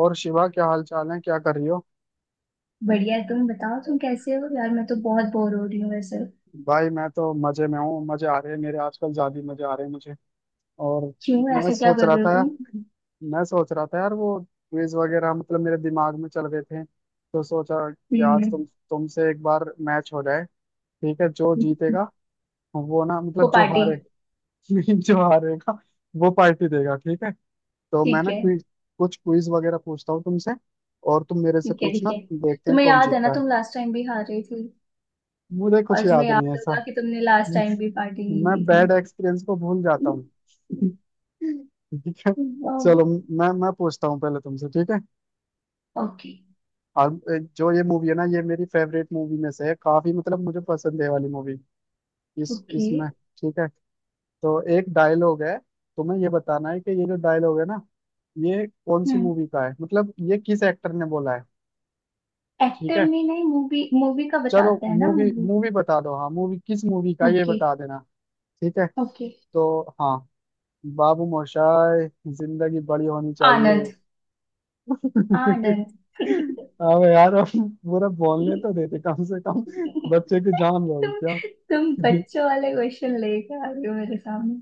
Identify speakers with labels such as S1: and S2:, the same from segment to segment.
S1: और शिवा, क्या हाल चाल है? क्या कर रही हो?
S2: बढ़िया है। तुम बताओ, तुम कैसे हो यार? मैं तो बहुत बोर हो रही हूँ वैसे।
S1: भाई, मैं तो मजे में हूँ। मजे आ रहे हैं मेरे आजकल, ज्यादा ही मजे आ रहे हैं मुझे। और
S2: क्यों,
S1: मैं
S2: ऐसे क्या
S1: सोच
S2: कर
S1: रहा
S2: रहे हो
S1: था
S2: तुम?
S1: मैं सोच रहा था यार, वो क्विज वगैरह मतलब मेरे दिमाग में चल रहे थे, तो सोचा कि आज
S2: हम्म।
S1: तुमसे एक बार मैच हो जाए। ठीक है, जो जीतेगा, वो ना मतलब
S2: वो
S1: जो
S2: पार्टी।
S1: हारे जो हारेगा, वो पार्टी देगा। ठीक है, तो मैं
S2: ठीक
S1: ना
S2: है।
S1: क्विज, कुछ क्विज वगैरह पूछता हूँ तुमसे, और तुम मेरे से
S2: ठीक है। ठीक
S1: पूछना,
S2: है,
S1: देखते हैं
S2: तुम्हें
S1: कौन
S2: याद है ना,
S1: जीतता है।
S2: तुम लास्ट टाइम भी हार रही थी।
S1: मुझे कुछ
S2: और तुम्हें
S1: याद नहीं
S2: याद
S1: है ऐसा।
S2: होगा कि तुमने लास्ट टाइम भी पार्टी नहीं
S1: मैं
S2: दी
S1: बैड
S2: थी।
S1: एक्सपीरियंस को भूल जाता हूँ। ठीक है, चलो मैं पूछता हूँ पहले तुमसे। ठीक है,
S2: ओके।
S1: और एक, जो ये मूवी है ना, ये मेरी फेवरेट मूवी में से है काफी, मतलब मुझे पसंद है ये वाली मूवी। इस
S2: ओके।
S1: इसमें ठीक है, तो एक डायलॉग है, तुम्हें ये बताना है कि ये जो डायलॉग है ना, ये कौन सी
S2: हम्म,
S1: मूवी का है, मतलब ये किस एक्टर ने बोला है। ठीक
S2: एक्टर
S1: है,
S2: में नहीं, मूवी मूवी का
S1: चलो
S2: बताते हैं ना,
S1: मूवी,
S2: मूवी।
S1: मूवी बता दो। हाँ, मूवी, किस मूवी का है, ये
S2: ओके।
S1: बता देना। ठीक है,
S2: ओके।
S1: तो हाँ, बाबू मोशाय, जिंदगी बड़ी होनी चाहिए।
S2: आनंद। आनंद।
S1: अब यार, अब पूरा बोलने तो देते कम से कम। बच्चे की जान लोगे
S2: तुम
S1: क्या?
S2: तुम बच्चों वाले क्वेश्चन लेके आ रही हो मेरे सामने।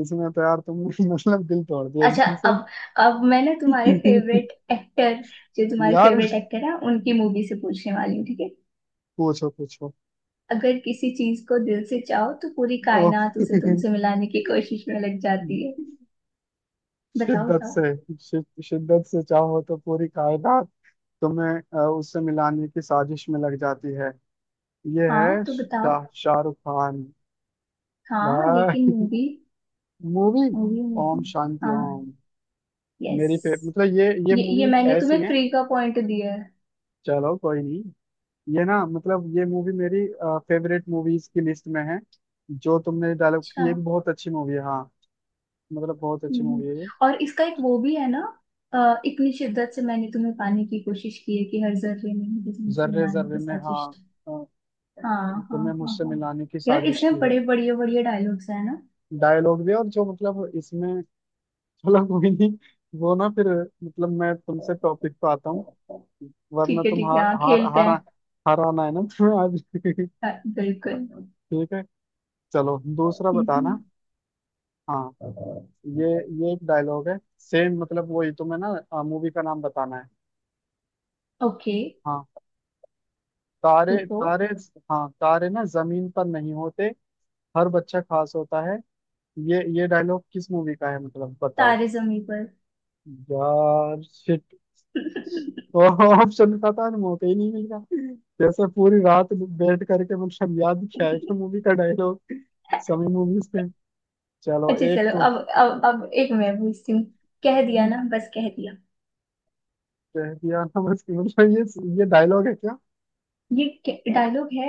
S1: इसमें तो यार तुमने मतलब दिल तोड़ दिया
S2: अच्छा।
S1: एकदम से।
S2: अब अब मैं ना तुम्हारे फेवरेट एक्टर, जो तुम्हारे
S1: यार,
S2: फेवरेट एक्टर है उनकी मूवी से पूछने वाली हूँ, ठीक है।
S1: पूछो पूछो।
S2: अगर किसी चीज को दिल से चाहो तो पूरी
S1: ओ,
S2: कायनात उसे तुमसे मिलाने की कोशिश में लग जाती है। बताओ
S1: शिद्दत
S2: बताओ।
S1: से, शिद्दत से चाहो तो पूरी कायनात तुम्हें उससे मिलाने की साजिश में लग जाती है। ये
S2: हाँ
S1: है
S2: तो बताओ।
S1: शाहरुख खान।
S2: हाँ
S1: भाई,
S2: लेकिन movie.
S1: Movie,
S2: movie movie.
S1: Om Shanti Om.
S2: हाँ।
S1: मेरी फेवरेट,
S2: यस।
S1: मतलब ये
S2: ये
S1: मूवीज
S2: मैंने
S1: ऐसी
S2: तुम्हें
S1: हैं।
S2: फ्री का पॉइंट दिया है।
S1: चलो कोई नहीं। ये ना, मतलब ये मूवी मेरी फेवरेट मूवीज की लिस्ट में है। जो तुमने डायलॉग,
S2: अच्छा।
S1: ये भी बहुत अच्छी मूवी है, हाँ। मतलब बहुत अच्छी
S2: हम्म,
S1: मूवी है ये।
S2: और इसका एक वो भी है ना, इतनी शिद्दत से मैंने तुम्हें पाने की कोशिश की है कि हर जर्रे में मुझे तुमसे
S1: जर्रे
S2: मिलाने
S1: जर्रे
S2: की
S1: में, हाँ।
S2: साजिश।
S1: अ, तु,
S2: हाँ हाँ
S1: तुम्हें
S2: हाँ।
S1: मुझसे
S2: हाँ
S1: मिलाने की
S2: यार,
S1: साजिश
S2: इसमें
S1: की है।
S2: बड़े बढ़िया बढ़िया डायलॉग्स है ना।
S1: डायलॉग भी, और जो मतलब इसमें, चलो कोई नहीं, वो ना फिर, मतलब मैं तुमसे टॉपिक पे आता हूँ, वरना
S2: ठीक है
S1: तुम
S2: ठीक है,
S1: हार
S2: हाँ
S1: हार
S2: खेलते
S1: हार
S2: हैं।
S1: हार आना है ना तुम्हें आज
S2: हाँ, बिल्कुल।
S1: ठीक है, चलो दूसरा
S2: हम्म।
S1: बताना। हाँ, ये ये एक डायलॉग है सेम, मतलब वही, तुम्हें ना मूवी का नाम बताना है।
S2: ओके।
S1: हाँ, तारे
S2: पूछो।
S1: तारे हाँ, तारे ना जमीन पर नहीं होते, हर बच्चा खास होता है। ये डायलॉग किस मूवी का है, मतलब बताओ।
S2: तारे जमी पर।
S1: यार, शिट। तो ऑप्शन का था, मौका ही नहीं मिल रहा, जैसे पूरी रात बैठ करके मतलब याद किया है कि मूवी का डायलॉग, सभी मूवीज पे। चलो,
S2: अच्छा
S1: एक
S2: चलो,
S1: तो
S2: अब एक मैं पूछती हूँ। कह दिया ना, बस कह दिया।
S1: कह दिया ना, बस कि मतलब ये डायलॉग है क्या?
S2: ये डायलॉग है।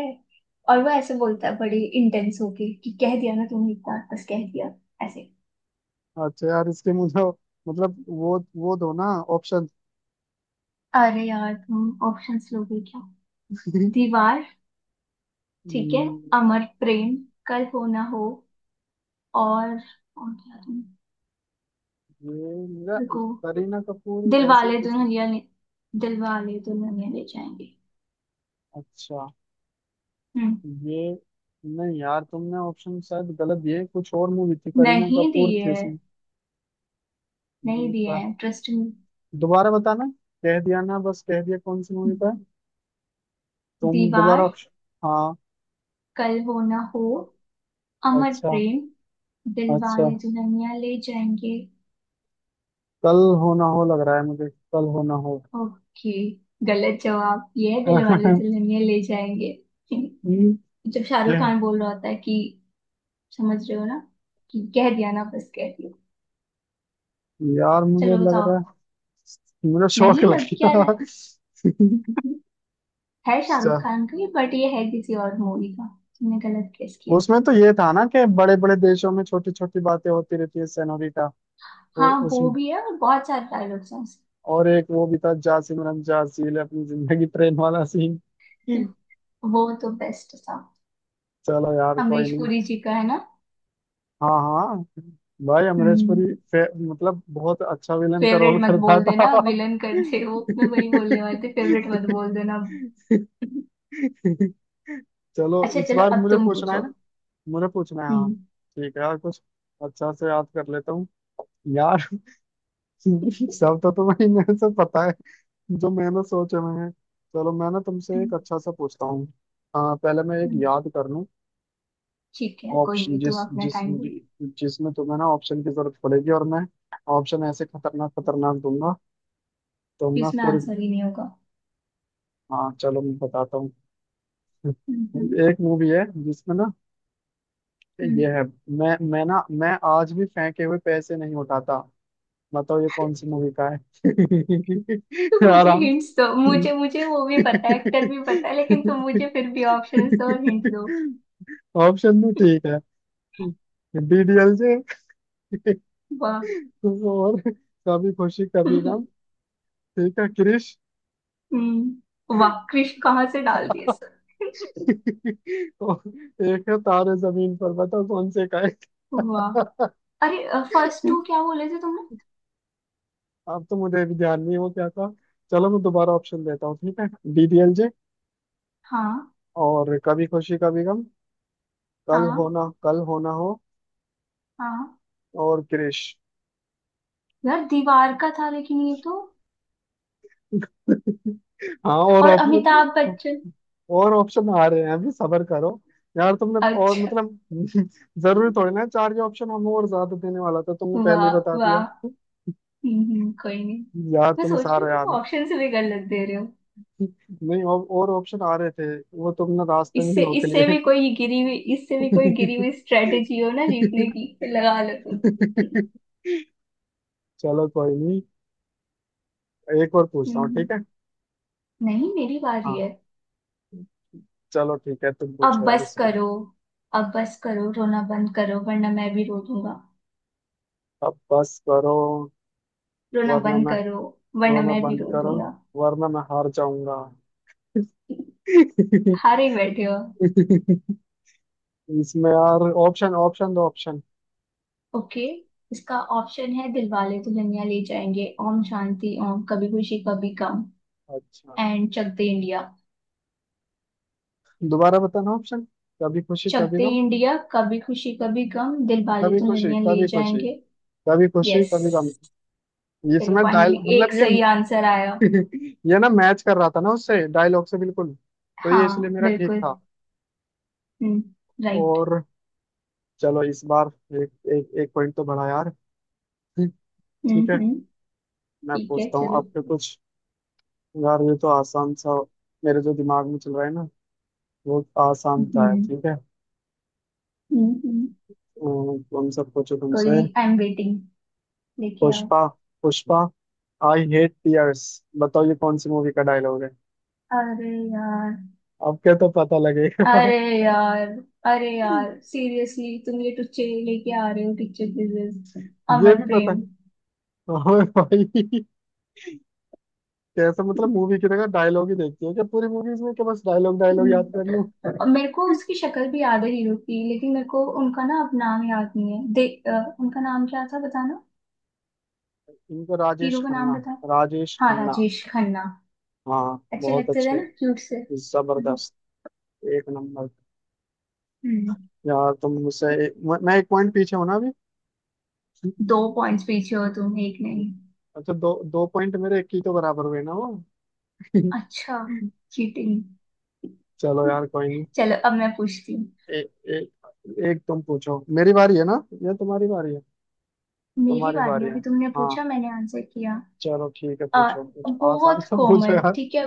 S2: और वो ऐसे बोलता है बड़ी इंटेंस होके, कि कह दिया ना तुमने एक बार, बस कह दिया, ऐसे।
S1: अच्छा यार, इसके मुझे मतलब, वो दो ना ऑप्शन।
S2: अरे यार, तुम ऑप्शंस लोगे क्या? दीवार। ठीक है।
S1: हम्म,
S2: अमर प्रेम। कल हो ना हो। और और क्या तुम,
S1: ये मेरा
S2: रुको।
S1: करीना कपूर,
S2: दिल
S1: ऐसे ही
S2: वाले
S1: कुछ।
S2: दुल्हनिया ले दिल वाले दुल्हनिया ले जाएंगे।
S1: अच्छा,
S2: हम्म।
S1: ये, नहीं यार, तुमने ऑप्शन शायद गलत दिए, कुछ और मूवी थी, करीना
S2: नहीं दिए
S1: कपूर थी
S2: है।
S1: उसमें।
S2: नहीं
S1: ये
S2: दिए
S1: का-
S2: हैं, ट्रस्ट मी।
S1: दोबारा बताना, कह दिया ना बस कह दिया कौन सी मूवी का है? तुम दोबारा
S2: दीवार।
S1: ऑप्शन। हाँ,
S2: कल हो ना हो। अमर
S1: अच्छा,
S2: प्रेम। दिल
S1: अच्छा,
S2: वाले दुल्हनिया ले जाएंगे।
S1: कल हो ना हो, लग रहा है मुझे, कल हो ना हो।
S2: ओके। गलत जवाब ये है: दिल वाले दुल्हनिया ले जाएंगे।
S1: हम्म,
S2: जब शाहरुख
S1: क्या?
S2: खान बोल रहा होता है कि, समझ रहे हो ना, कि कह दिया ना, बस कह दिया।
S1: यार, मुझे
S2: चलो
S1: लग
S2: बताओ।
S1: रहा है मुझे शौक
S2: नहीं,
S1: लग
S2: लग क्या रहा
S1: गया
S2: है? है
S1: अच्छा,
S2: शाहरुख खान का, बट ये है किसी और मूवी का। तुमने गलत गेस किया।
S1: उसमें तो ये था ना कि बड़े बड़े देशों में छोटी छोटी बातें होती रहती है सेनोरिटा, वो
S2: हाँ
S1: उस,
S2: वो भी है, और बहुत सारे डायलॉग्स हैं उसके।
S1: और एक वो भी था, जा सिमरन जा, जी ले अपनी जिंदगी, ट्रेन वाला सीन।
S2: वो तो बेस्ट था।
S1: चलो यार, कोई
S2: अमरीश
S1: नहीं।
S2: पुरी जी का है ना।
S1: हाँ हाँ। भाई, अमरीश
S2: हम्म।
S1: पुरी मतलब बहुत अच्छा विलन का
S2: फेवरेट
S1: रोल
S2: मत
S1: करता
S2: बोल देना,
S1: था।
S2: विलन कर दे वो, मैं वही बोलने वाले थे, फेवरेट मत बोल देना।
S1: चलो,
S2: अच्छा
S1: इस
S2: चलो,
S1: बार
S2: अब
S1: मुझे
S2: तुम
S1: पूछना है
S2: पूछो।
S1: ना, मुझे पूछना है, हाँ।
S2: हम्म।
S1: ठीक है यार, कुछ अच्छा से याद कर लेता हूँ यार सब तो तुम्हें मेरे से पता है, जो मैंने सोचे हुए हैं। चलो, मैं ना तुमसे एक
S2: हम्म,
S1: अच्छा सा पूछता हूँ। हाँ, पहले मैं एक याद कर लूँ।
S2: ठीक है, कोई
S1: ऑप्शन,
S2: नहीं, तुम
S1: जिस
S2: अपना
S1: जिस
S2: टाइम दो।
S1: जिसमें तुम्हें ना ऑप्शन की जरूरत पड़ेगी, और मैं ऑप्शन ऐसे खतरनाक खतरनाक दूंगा तुम
S2: कि
S1: ना
S2: उसमें
S1: पूरी।
S2: आंसर ही नहीं होगा।
S1: हाँ, चलो, मैं बताता हूँ।
S2: हम्म हम्म
S1: एक मूवी है, जिसमें ना, ये
S2: हम्म।
S1: है, मैं आज भी फेंके हुए पैसे नहीं उठाता। बताओ, ये कौन सी मूवी का
S2: तुम
S1: है?
S2: मुझे
S1: आराम।
S2: हिंट्स दो, मुझे मुझे वो भी पता है, एक्टर भी पता है, लेकिन तुम मुझे फिर भी ऑप्शंस दो और हिंट दो।
S1: ऑप्शन भी ठीक है, डीडीएलजे,
S2: वाह।
S1: और कभी खुशी कभी
S2: हम्म।
S1: गम, ठीक है, क्रिश,
S2: वाह, क्रिश कहाँ से डाल दिए सर?
S1: और एक है तारे जमीन पर। बताओ, कौन से का है?
S2: वाह। अरे, फर्स्ट टू क्या बोले थे तुमने?
S1: अब तो मुझे भी ध्यान नहीं है वो क्या था। चलो, मैं दोबारा ऑप्शन देता हूँ, ठीक है। डीडीएलजे,
S2: हाँ।
S1: और कभी खुशी कभी गम, कल
S2: हाँ।
S1: होना कल होना हो
S2: हाँ
S1: और क्रिश।
S2: यार, दीवार का था, लेकिन ये तो,
S1: हाँ, और
S2: और अमिताभ
S1: ऑप्शन,
S2: बच्चन।
S1: और ऑप्शन आ रहे हैं अभी, सबर करो। यार, तुमने और,
S2: अच्छा।
S1: मतलब जरूरी थोड़ी ना है चार के ऑप्शन, हम और ज्यादा देने वाला था, तुमने पहले
S2: वाह।
S1: ही बता
S2: वाह।
S1: दिया।
S2: कोई नहीं।
S1: यार,
S2: मैं
S1: तुम्हें
S2: सोच रही हूँ
S1: सारा
S2: तुम
S1: याद है।
S2: ऑप्शन से भी गलत दे रहे हो।
S1: नहीं, और ऑप्शन आ रहे थे, वो तुमने रास्ते में ही
S2: इससे
S1: रोक
S2: इससे
S1: लिए।
S2: भी कोई गिरी हुई इससे भी कोई गिरी हुई स्ट्रेटेजी हो ना जीतने की, लगा लो तुम।
S1: चलो कोई नहीं, एक और पूछता हूँ,
S2: हम्म,
S1: ठीक है।
S2: नहीं, मेरी बारी
S1: हाँ,
S2: है।
S1: चलो ठीक है, तुम
S2: अब
S1: पूछो यार
S2: बस
S1: इसको।
S2: करो। अब बस करो, रोना बंद करो, वरना मैं भी रो दूंगा।
S1: अब बस करो,
S2: रोना
S1: वरना
S2: बंद
S1: मैं,
S2: करो, वरना
S1: रोना
S2: मैं भी
S1: बंद
S2: रो
S1: करो,
S2: दूंगा।
S1: वरना मैं हार जाऊंगा।
S2: हारे बैठे हो।
S1: इसमें यार ऑप्शन, ऑप्शन दो ऑप्शन।
S2: ओके। इसका ऑप्शन है: दिलवाले दुल्हनिया ले जाएंगे, ओम शांति ओम, कभी खुशी कभी गम,
S1: अच्छा,
S2: एंड चक दे इंडिया।
S1: दोबारा बताना ऑप्शन। कभी खुशी
S2: चक
S1: कभी
S2: दे
S1: गम,
S2: इंडिया, कभी खुशी कभी गम, दिलवाले
S1: कभी खुशी
S2: दुल्हनिया ले
S1: कभी खुशी
S2: जाएंगे।
S1: कभी खुशी
S2: यस।
S1: कभी गम
S2: चलो
S1: इसमें डायल,
S2: फाइनली
S1: मतलब
S2: एक
S1: ये
S2: सही आंसर आया।
S1: ये ना मैच कर रहा था ना उससे डायलॉग से बिल्कुल, तो ये इसलिए
S2: हाँ
S1: मेरा ठीक
S2: बिल्कुल।
S1: था।
S2: हम्म, राइट।
S1: और चलो इस बार, एक, एक पॉइंट तो बढ़ा यार। ठीक है,
S2: हम्म,
S1: मैं
S2: ठीक है
S1: पूछता हूँ
S2: चलो।
S1: आपके कुछ। यार, ये तो आसान सा, मेरे जो दिमाग में चल रहा है ना, वो आसान था है।
S2: हम्म
S1: ठीक है।
S2: हम्म हम्म,
S1: तुम सब पूछो
S2: कोई
S1: तुमसे।
S2: नहीं। I am waiting. लेके आओ।
S1: Pushpa, Pushpa, I hate tears. बताओ, ये कौन सी मूवी का डायलॉग है?
S2: अरे यार।
S1: आपके तो पता लगेगा
S2: अरे यार। अरे यार, सीरियसली तुम ये टुच्चे लेके आ रहे हो, टीचर क्विजेस।
S1: ये
S2: अमर
S1: भी पता
S2: प्रेम।
S1: है। ओए भाई, कैसा, मतलब मूवी की जगह डायलॉग ही देखती है क्या पूरी मूवीज में? क्या, बस डायलॉग डायलॉग याद
S2: हम्म,
S1: कर लूं?
S2: और मेरे को उसकी शक्ल भी याद है हीरो की, लेकिन मेरे को उनका ना अब नाम याद नहीं है। दे, उनका नाम क्या था बताना।
S1: इनको, राजेश
S2: हीरो का नाम
S1: खन्ना।
S2: बता।
S1: राजेश
S2: हाँ
S1: खन्ना।
S2: राजेश खन्ना।
S1: हाँ,
S2: अच्छे
S1: बहुत
S2: लगते थे
S1: अच्छे।
S2: ना, क्यूट से। हम्म।
S1: जबरदस्त। एक नंबर।
S2: हम्म।
S1: यार, तुम मुझसे, मैं एक पॉइंट पीछे हूं ना अभी।
S2: 2 पॉइंट्स पीछे हो तुम, एक नहीं।
S1: अच्छा, दो दो पॉइंट, मेरे एक ही तो बराबर हुए ना वो।
S2: अच्छा। चीटिंग।
S1: चलो यार, कोई।
S2: चलो अब मैं पूछती हूँ।
S1: ए, ए, एक तुम पूछो, मेरी बारी है ना, या तुम्हारी बारी है?
S2: मेरी
S1: तुम्हारी
S2: बारी,
S1: बारी है।
S2: अभी तुमने
S1: हाँ,
S2: पूछा, मैंने आंसर किया।
S1: चलो ठीक है,
S2: आ,
S1: पूछो कुछ आसान
S2: बहुत
S1: सा पूछो
S2: कॉमन,
S1: यार।
S2: ठीक है।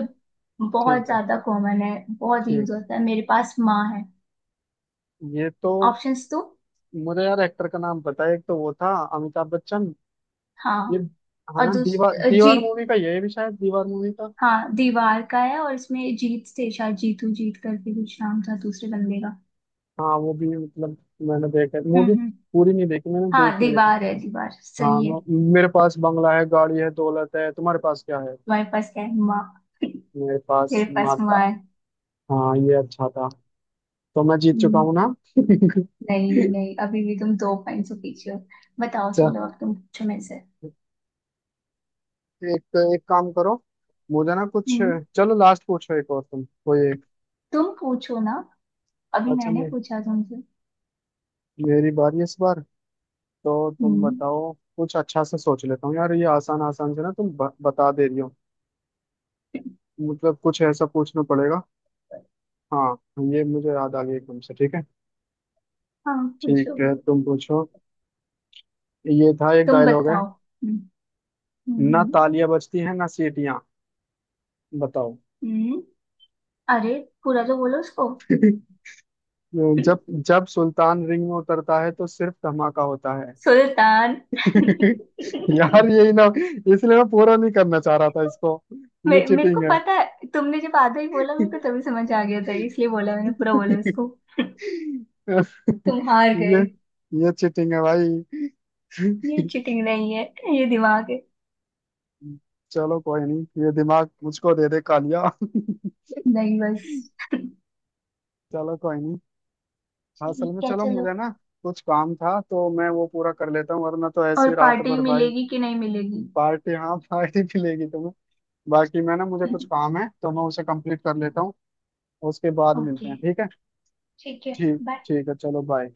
S2: बहुत
S1: ठीक है,
S2: ज्यादा कॉमन है, बहुत यूज
S1: ठीक।
S2: होता है। मेरे पास माँ है।
S1: ये तो,
S2: ऑप्शंस तो,
S1: मुझे यार एक्टर का नाम पता है, एक तो वो था, अमिताभ बच्चन। ये,
S2: हाँ,
S1: हाँ
S2: और
S1: ना, दीवार
S2: दूसरा
S1: दीवार
S2: जीत।
S1: मूवी का, ये भी शायद दीवार मूवी का।
S2: हाँ दीवार का है, और इसमें जीत से शायद जीतू, जीत करके कुछ नाम था दूसरे बंदे का।
S1: हाँ, वो भी मतलब मैंने देखा मूवी,
S2: हम्म।
S1: पूरी नहीं देखी, मैंने
S2: हाँ
S1: देखी है लेकिन।
S2: दीवार है, दीवार
S1: हाँ,
S2: सही है।
S1: मेरे पास बंगला है, गाड़ी है, दौलत है, तुम्हारे पास क्या है?
S2: तुम्हारे पास क्या है माँ?
S1: मेरे पास
S2: मेरे पास
S1: माता।
S2: माँ है।
S1: हाँ, ये अच्छा था, तो मैं जीत चुका हूँ
S2: हम्म,
S1: ना? अच्छा,
S2: नहीं नहीं, अभी भी तुम 2 पॉइंट से पीछे हो। बताओ, चलो अब तुम पूछो मेरे से।
S1: एक तो एक काम करो, मुझे ना कुछ,
S2: हम्म।
S1: चलो लास्ट पूछो एक, और तुम कोई एक।
S2: तुम पूछो ना, अभी
S1: अच्छा,
S2: मैंने
S1: मे,
S2: पूछा तुमसे।
S1: मेरी बारी इस बार, तो तुम
S2: हम्म।
S1: बताओ, कुछ अच्छा से सोच लेता हूँ यार, ये आसान आसान से ना तुम बता दे रही हो, मतलब कुछ ऐसा पूछना पड़ेगा। हाँ, ये मुझे याद आ गया एकदम से, ठीक है।
S2: हाँ।
S1: ठीक
S2: पूछो।
S1: है, तुम पूछो। ये था, एक
S2: तुम
S1: डायलॉग है,
S2: बताओ। हम्म। हम्म
S1: ना
S2: हम्म,
S1: तालियां बजती हैं ना सीटियां, बताओ
S2: हम्म, अरे पूरा तो बोलो उसको।
S1: जब जब सुल्तान रिंग में उतरता है तो सिर्फ धमाका होता है।
S2: सुल्तान।
S1: यार, यही ना, इसलिए मैं पूरा नहीं करना चाह रहा था इसको। ये
S2: मेरे को
S1: चीटिंग है।
S2: पता है, तुमने जब आधा ही बोला मेरे को तभी समझ आ गया था, इसलिए बोला, मैंने पूरा बोला उसको। तुम हार गए।
S1: ये ये चीटिंग है भाई।
S2: ये चीटिंग नहीं है, ये दिमाग है।
S1: चलो कोई नहीं, ये दिमाग मुझको दे दे कालिया।
S2: नहीं बस।
S1: चलो कोई नहीं। हाँ, असल में
S2: ठीक है
S1: चलो,
S2: चलो।
S1: मुझे ना कुछ काम था, तो मैं वो पूरा कर लेता हूँ, वरना तो
S2: और
S1: ऐसी रात
S2: पार्टी
S1: भर भाई।
S2: मिलेगी कि नहीं मिलेगी?
S1: पार्टी, हाँ, पार्टी मिलेगी तुम्हें, बाकी मैं ना, मुझे कुछ काम है तो मैं उसे कंप्लीट कर लेता हूँ। उसके बाद मिलते
S2: ओके।
S1: हैं, ठीक है।
S2: ठीक है।
S1: ठीक।
S2: बाय।
S1: ठीक है, चलो, बाय।